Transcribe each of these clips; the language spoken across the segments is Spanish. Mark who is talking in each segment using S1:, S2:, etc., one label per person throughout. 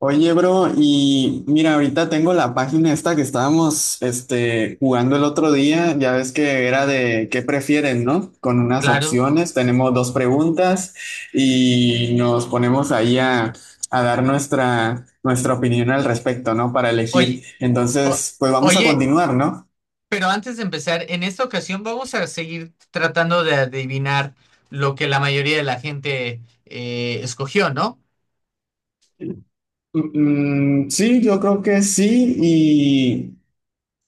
S1: Oye, bro, y mira, ahorita tengo la página esta que estábamos jugando el otro día, ya ves que era de qué prefieren, ¿no? Con unas
S2: Claro.
S1: opciones, tenemos dos preguntas y nos ponemos ahí a dar nuestra opinión al respecto, ¿no? Para elegir.
S2: Oye, o-
S1: Entonces, pues vamos a
S2: oye,
S1: continuar, ¿no?
S2: pero antes de empezar, en esta ocasión vamos a seguir tratando de adivinar lo que la mayoría de la gente escogió, ¿no?
S1: Mm, mm, sí, yo creo que sí, y...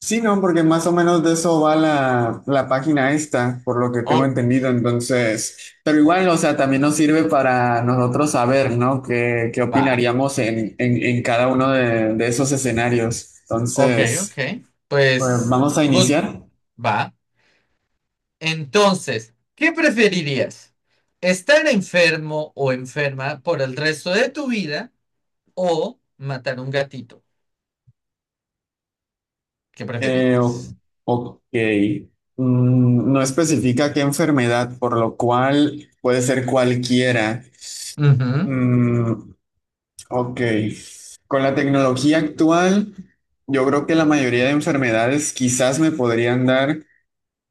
S1: Sí, no, porque más o menos de eso va la página esta, por lo que tengo
S2: O,
S1: entendido. Entonces, pero
S2: o-
S1: igual, o sea, también nos sirve para nosotros saber, ¿no? ¿Qué
S2: Va.
S1: opinaríamos en cada uno de esos escenarios?
S2: Ok, ok.
S1: Entonces, pues
S2: Pues,
S1: vamos a iniciar.
S2: va. Entonces, ¿qué preferirías? ¿Estar enfermo o enferma por el resto de tu vida o matar un gatito? ¿Qué
S1: Eh, o-
S2: preferirías?
S1: ok. No especifica qué enfermedad, por lo cual puede ser cualquiera. Mm, Ok, con la tecnología actual, yo creo que la mayoría de enfermedades quizás me podrían dar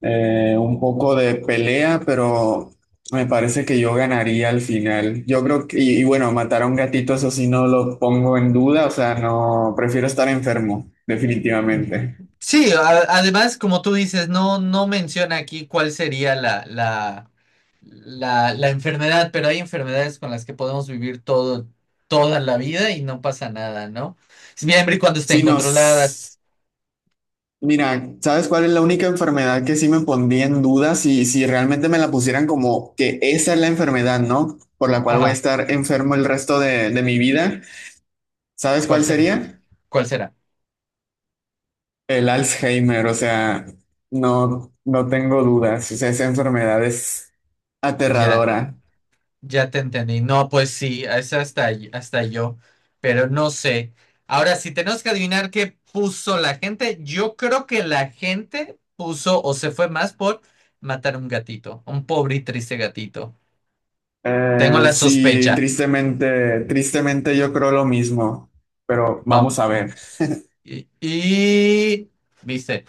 S1: un poco de pelea, pero me parece que yo ganaría al final. Yo creo que, y bueno, matar a un gatito, eso sí no lo pongo en duda, o sea, no, prefiero estar enfermo,
S2: Ujú.
S1: definitivamente.
S2: Sí, además, como tú dices, no, no menciona aquí cuál sería la enfermedad, pero hay enfermedades con las que podemos vivir todo, toda la vida y no pasa nada, ¿no? Siempre y cuando
S1: Sí,
S2: estén controladas.
S1: nos Mira, ¿sabes cuál es la única enfermedad que sí me pondría en duda si realmente me la pusieran como que esa es la enfermedad, ¿no? Por la cual voy a
S2: Ajá,
S1: estar enfermo el resto de mi vida. ¿Sabes
S2: ¿cuál
S1: cuál
S2: será?
S1: sería?
S2: ¿Cuál será?
S1: El Alzheimer, o sea, no, no tengo dudas, o sea, esa enfermedad es
S2: Ya.
S1: aterradora.
S2: Ya te entendí. No, pues sí, es hasta yo, pero no sé. Ahora, si tenemos que adivinar qué puso la gente, yo creo que la gente puso o se fue más por matar un gatito, un pobre y triste gatito. Tengo
S1: Eh,
S2: la
S1: sí,
S2: sospecha.
S1: tristemente, tristemente yo creo lo mismo, pero vamos a
S2: Vamos.
S1: ver.
S2: Y, y- Viste.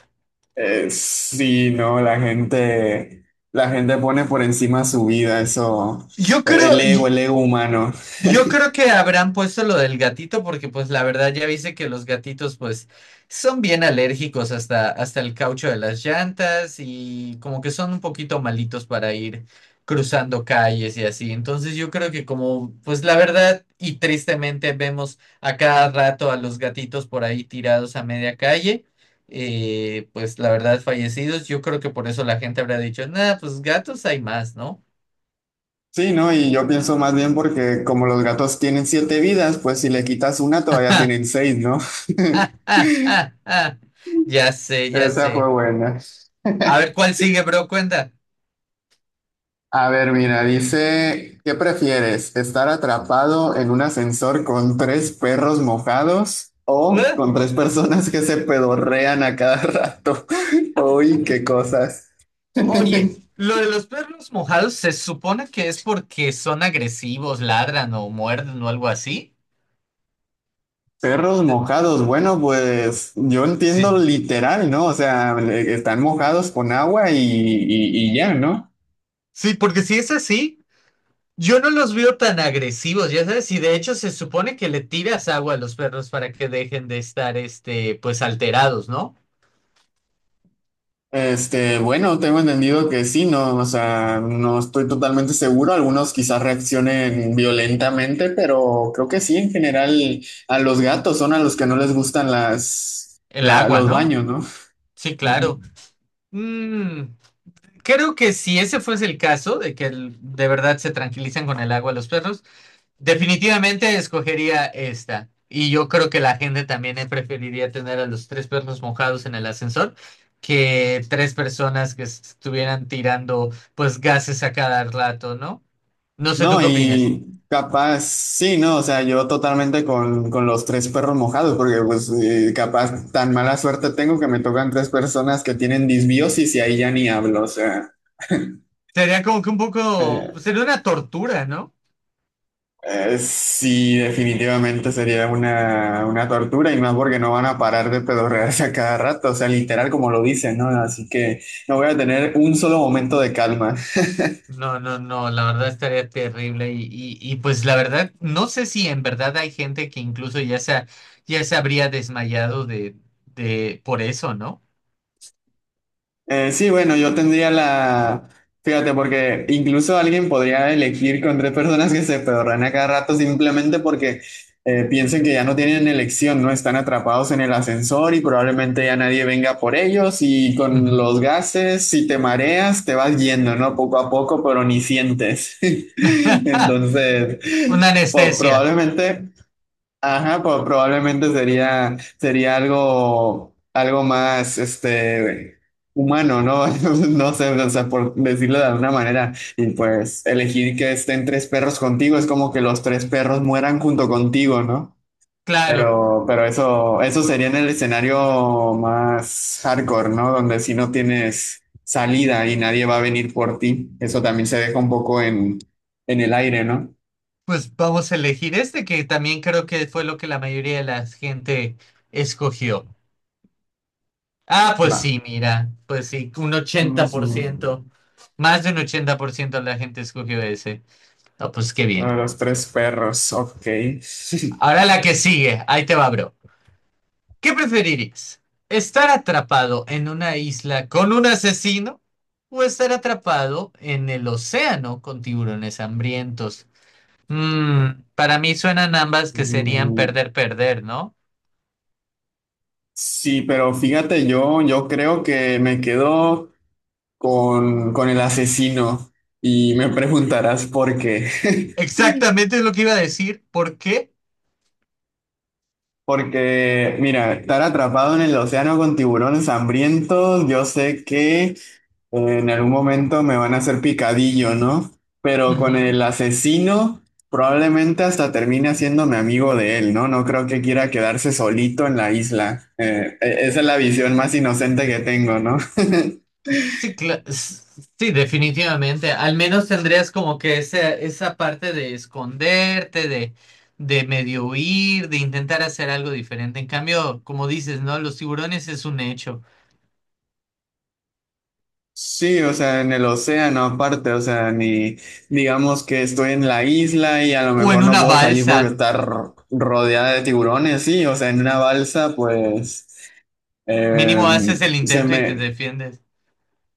S1: Sí, no, la gente pone por encima su vida, eso,
S2: Yo
S1: el
S2: creo.
S1: ego, el ego humano.
S2: Yo creo que habrán puesto lo del gatito porque pues la verdad ya viste que los gatitos pues son bien alérgicos hasta el caucho de las llantas y como que son un poquito malitos para ir cruzando calles y así. Entonces yo creo que como pues la verdad y tristemente vemos a cada rato a los gatitos por ahí tirados a media calle, pues la verdad fallecidos, yo creo que por eso la gente habrá dicho, nada, pues gatos hay más, ¿no?
S1: Sí, no, y yo pienso más bien porque como los gatos tienen siete vidas, pues si le quitas una todavía tienen seis, ¿no?
S2: Ya sé, ya
S1: Esta fue
S2: sé.
S1: buena.
S2: A ver cuál sigue, bro, cuenta.
S1: A ver, mira, dice, ¿qué prefieres? ¿Estar atrapado en un ascensor con tres perros mojados o
S2: Ugh.
S1: con tres personas que se pedorrean a cada rato? Uy, qué cosas.
S2: Oye, lo de los perros mojados se supone que es porque son agresivos, ladran o muerden o algo así.
S1: Perros
S2: Eh,
S1: mojados, bueno, pues yo entiendo
S2: Sí,
S1: literal, ¿no? O sea, están mojados con agua y ya, ¿no?
S2: sí, porque si es así, yo no los veo tan agresivos, ya sabes, y de hecho se supone que le tiras agua a los perros para que dejen de estar, este, pues alterados, ¿no?
S1: Este, bueno, tengo entendido que sí, ¿no? O sea, no estoy totalmente seguro, algunos quizás reaccionen violentamente, pero creo que sí, en general, a los gatos son a los que no les gustan
S2: El agua,
S1: los
S2: ¿no?
S1: baños,
S2: Sí,
S1: ¿no?
S2: claro. Mm. Creo que si ese fuese el caso, de que de verdad se tranquilizan con el agua los perros, definitivamente escogería esta. Y yo creo que la gente también preferiría tener a los tres perros mojados en el ascensor que tres personas que estuvieran tirando pues gases a cada rato, ¿no? No sé, ¿tú
S1: No,
S2: qué opinas?
S1: y capaz, sí, no, o sea, yo totalmente con los tres perros mojados, porque pues capaz tan mala suerte tengo que me tocan tres personas que tienen disbiosis y ahí ya ni hablo, o sea,
S2: Sería como que un poco,
S1: eh,
S2: sería una tortura, ¿no?
S1: sí, definitivamente sería una tortura y más porque no van a parar de pedorrearse a cada rato, o sea, literal como lo dicen, ¿no? Así que no voy a tener un solo momento de calma.
S2: No, no, no, la verdad estaría terrible y pues la verdad, no sé si en verdad hay gente que incluso ya se habría desmayado de por eso, ¿no?
S1: Sí, bueno, yo tendría la... Fíjate, porque incluso alguien podría elegir con tres personas que se pedorrean a cada rato simplemente porque piensen que ya no tienen elección, ¿no? Están atrapados en el ascensor y probablemente ya nadie venga por ellos y con
S2: Ujú.
S1: los gases, si te mareas, te vas yendo, ¿no? Poco a poco, pero ni sientes. Entonces,
S2: Una anestesia,
S1: probablemente... Ajá, pues probablemente sería algo, más, humano, ¿no? No sé, o sea, por decirlo de alguna manera. Y pues elegir que estén tres perros contigo es como que los tres perros mueran junto contigo, ¿no?
S2: claro.
S1: Pero eso sería en el escenario más hardcore, ¿no? Donde si no tienes salida y nadie va a venir por ti, eso también se deja un poco en el aire, ¿no?
S2: Pues vamos a elegir este que también creo que fue lo que la mayoría de la gente escogió. Ah, pues
S1: Va.
S2: sí, mira, pues sí, un ochenta
S1: Unos,
S2: por
S1: mm,
S2: ciento, más de un 80% de la gente escogió ese. Ah, pues qué
S1: Uno de
S2: bien.
S1: los tres perros, ok.
S2: Ahora la que sigue, ahí te va, bro. ¿Qué preferirías? ¿Estar atrapado en una isla con un asesino o estar atrapado en el océano con tiburones hambrientos? Mm, para mí suenan ambas que serían
S1: Mm,
S2: perder, perder, ¿no?
S1: Sí, pero fíjate, yo creo que me quedo con el asesino y me preguntarás por qué.
S2: Exactamente es lo que iba a decir. ¿Por qué?
S1: Porque, mira, estar atrapado en el océano con tiburones hambrientos, yo sé que pues, en algún momento me van a hacer picadillo, ¿no? Pero con
S2: Ujú.
S1: el asesino probablemente hasta termine haciéndome amigo de él, ¿no? No creo que quiera quedarse solito en la isla. Esa es la visión más inocente que tengo, ¿no?
S2: Sí, sí, definitivamente. Al menos tendrías como que esa parte de esconderte, de medio huir, de intentar hacer algo diferente. En cambio, como dices, ¿no? Los tiburones es un hecho.
S1: Sí, o sea, en el océano aparte, o sea, ni digamos que estoy en la isla y a lo
S2: O en
S1: mejor no
S2: una
S1: puedo salir
S2: balsa.
S1: porque está rodeada de tiburones, sí, o sea, en una balsa, pues
S2: Mínimo
S1: eh,
S2: haces el
S1: se
S2: intento y te
S1: me,
S2: defiendes.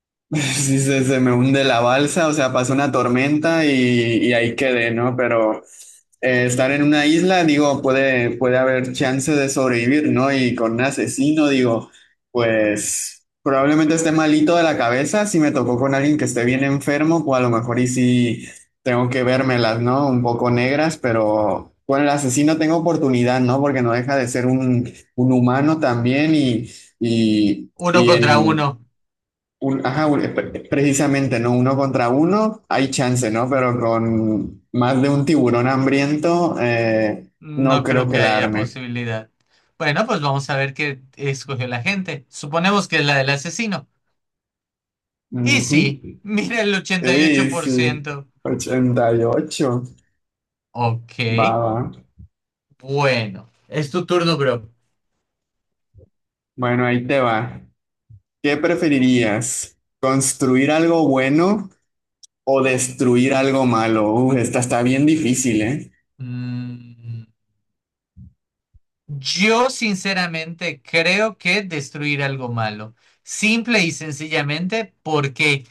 S1: Sí, se me hunde la balsa, o sea, pasó una tormenta y ahí quedé, ¿no? Pero estar en una isla, digo, puede haber chance de sobrevivir, ¿no? Y con un asesino, digo, pues probablemente esté malito de la cabeza, si me tocó con alguien que esté bien enfermo, pues a lo mejor y sí tengo que vérmelas, ¿no? Un poco negras, pero con el asesino tengo oportunidad, ¿no? Porque no deja de ser un humano también y... Y,
S2: Uno
S1: y
S2: contra uno.
S1: en ajá, precisamente, ¿no? Uno contra uno, hay chance, ¿no? Pero con más de un tiburón hambriento, no
S2: No creo
S1: creo que
S2: que
S1: la
S2: haya
S1: arme.
S2: posibilidad. Bueno, pues vamos a ver qué escogió la gente. Suponemos que es la del asesino. Y
S1: Ujú.
S2: sí, mira el
S1: Sí, sí.
S2: 88%.
S1: 88.
S2: Ok.
S1: Va, va.
S2: Bueno, es tu turno, bro.
S1: Bueno, ahí te va. ¿Qué preferirías? ¿Construir algo bueno o destruir algo malo? Uf, esta está bien difícil, ¿eh?
S2: Mm, yo sinceramente creo que destruir algo malo. Simple y sencillamente porque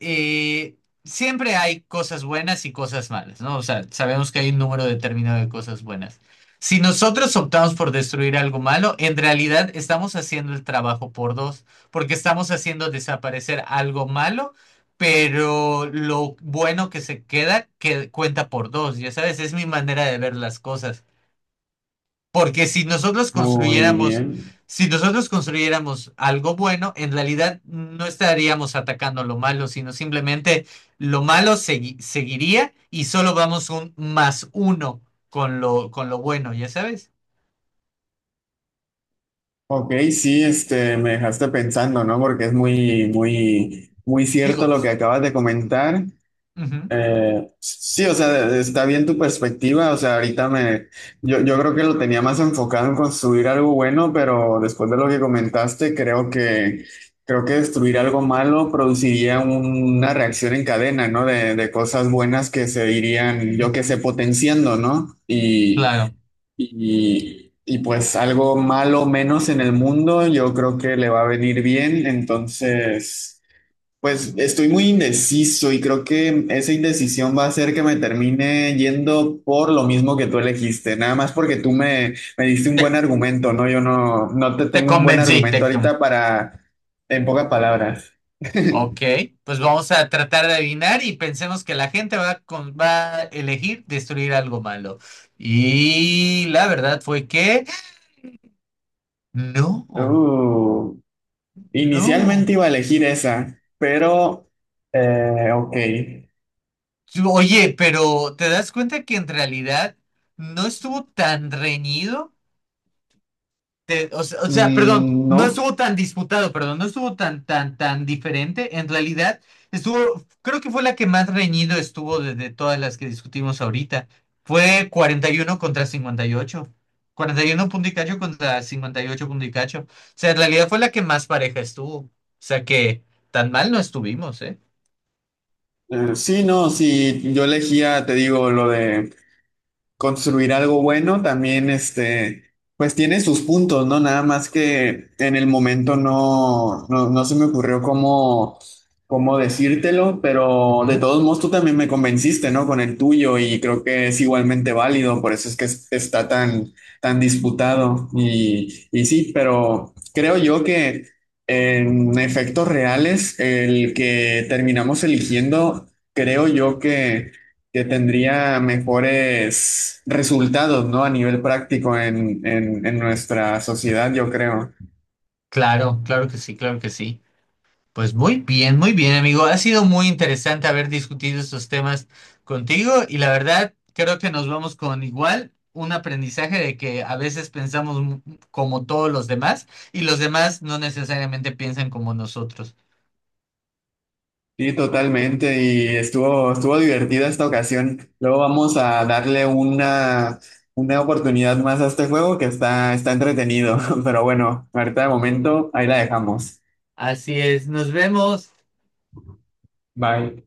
S2: eh, siempre hay cosas buenas y cosas malas, ¿no? O sea, sabemos que hay un número determinado de cosas buenas. Si nosotros optamos por destruir algo malo, en realidad estamos haciendo el trabajo por dos, porque estamos haciendo desaparecer algo malo, pero lo bueno que se queda, que cuenta por dos, ya sabes, es mi manera de ver las cosas. Porque
S1: Muy bien.
S2: si nosotros construyéramos algo bueno, en realidad no estaríamos atacando lo malo, sino simplemente lo malo seguiría y solo vamos un más uno con lo bueno, ¿ya sabes?
S1: Ok, sí, este, me dejaste pensando, ¿no? Porque es muy, muy, muy cierto
S2: Digo,
S1: lo que acabas de comentar.
S2: ujú,
S1: Sí, o sea, está bien tu perspectiva. O sea, ahorita yo creo que lo tenía más enfocado en construir algo bueno, pero después de lo que comentaste, creo que destruir algo malo produciría una reacción en cadena, ¿no? De cosas buenas que se irían, yo que sé,
S2: ujú,
S1: potenciando, ¿no? Y
S2: claro.
S1: y pues algo malo menos en el mundo, yo creo que le va a venir bien. Entonces, pues estoy muy indeciso y creo que esa indecisión va a hacer que me termine yendo por lo mismo que tú elegiste, nada más porque tú me diste un
S2: Te,
S1: buen argumento, ¿no? Yo no, no te
S2: te
S1: tengo un buen
S2: convencí, te
S1: argumento
S2: con-
S1: ahorita para, en pocas palabras.
S2: Ok, pues vamos a tratar de adivinar y pensemos que la gente va a elegir destruir algo malo. Y la verdad fue que no.
S1: Uh,
S2: No.
S1: inicialmente iba a elegir esa, pero, ok.
S2: Oye, pero ¿te das cuenta que en realidad no estuvo tan reñido? O sea, perdón,
S1: Mm,
S2: no
S1: no.
S2: estuvo tan disputado, perdón, no estuvo tan, tan, tan diferente. En realidad estuvo, creo que fue la que más reñido estuvo de todas las que discutimos ahorita. Fue 41 contra cincuenta y 41 punto y cacho contra 58 punto y cacho. O sea, en realidad fue la que más pareja estuvo. O sea que tan mal no estuvimos, ¿eh?
S1: Sí no, sí, yo elegía, te digo, lo de construir algo bueno también, este, pues tiene sus puntos, ¿no? Nada más que en el momento no, no, no se me ocurrió cómo, cómo decírtelo, pero de
S2: Ujú.
S1: todos modos tú también me convenciste, ¿no? Con el tuyo y creo que es igualmente válido, por eso es que está tan disputado y sí, pero creo yo que en efectos reales el que terminamos eligiendo, creo yo que tendría mejores resultados, ¿no? A nivel práctico en nuestra sociedad, yo creo.
S2: Claro, claro que sí, claro que sí. Pues muy bien, amigo. Ha sido muy interesante haber discutido estos temas contigo y la verdad creo que nos vamos con igual un aprendizaje de que a veces pensamos como todos los demás y los demás no necesariamente piensan como nosotros.
S1: Sí, totalmente. Y estuvo divertida esta ocasión. Luego vamos a darle una oportunidad más a este juego que está entretenido. Pero bueno, ahorita de momento ahí la dejamos.
S2: Así es, nos vemos.
S1: Bye.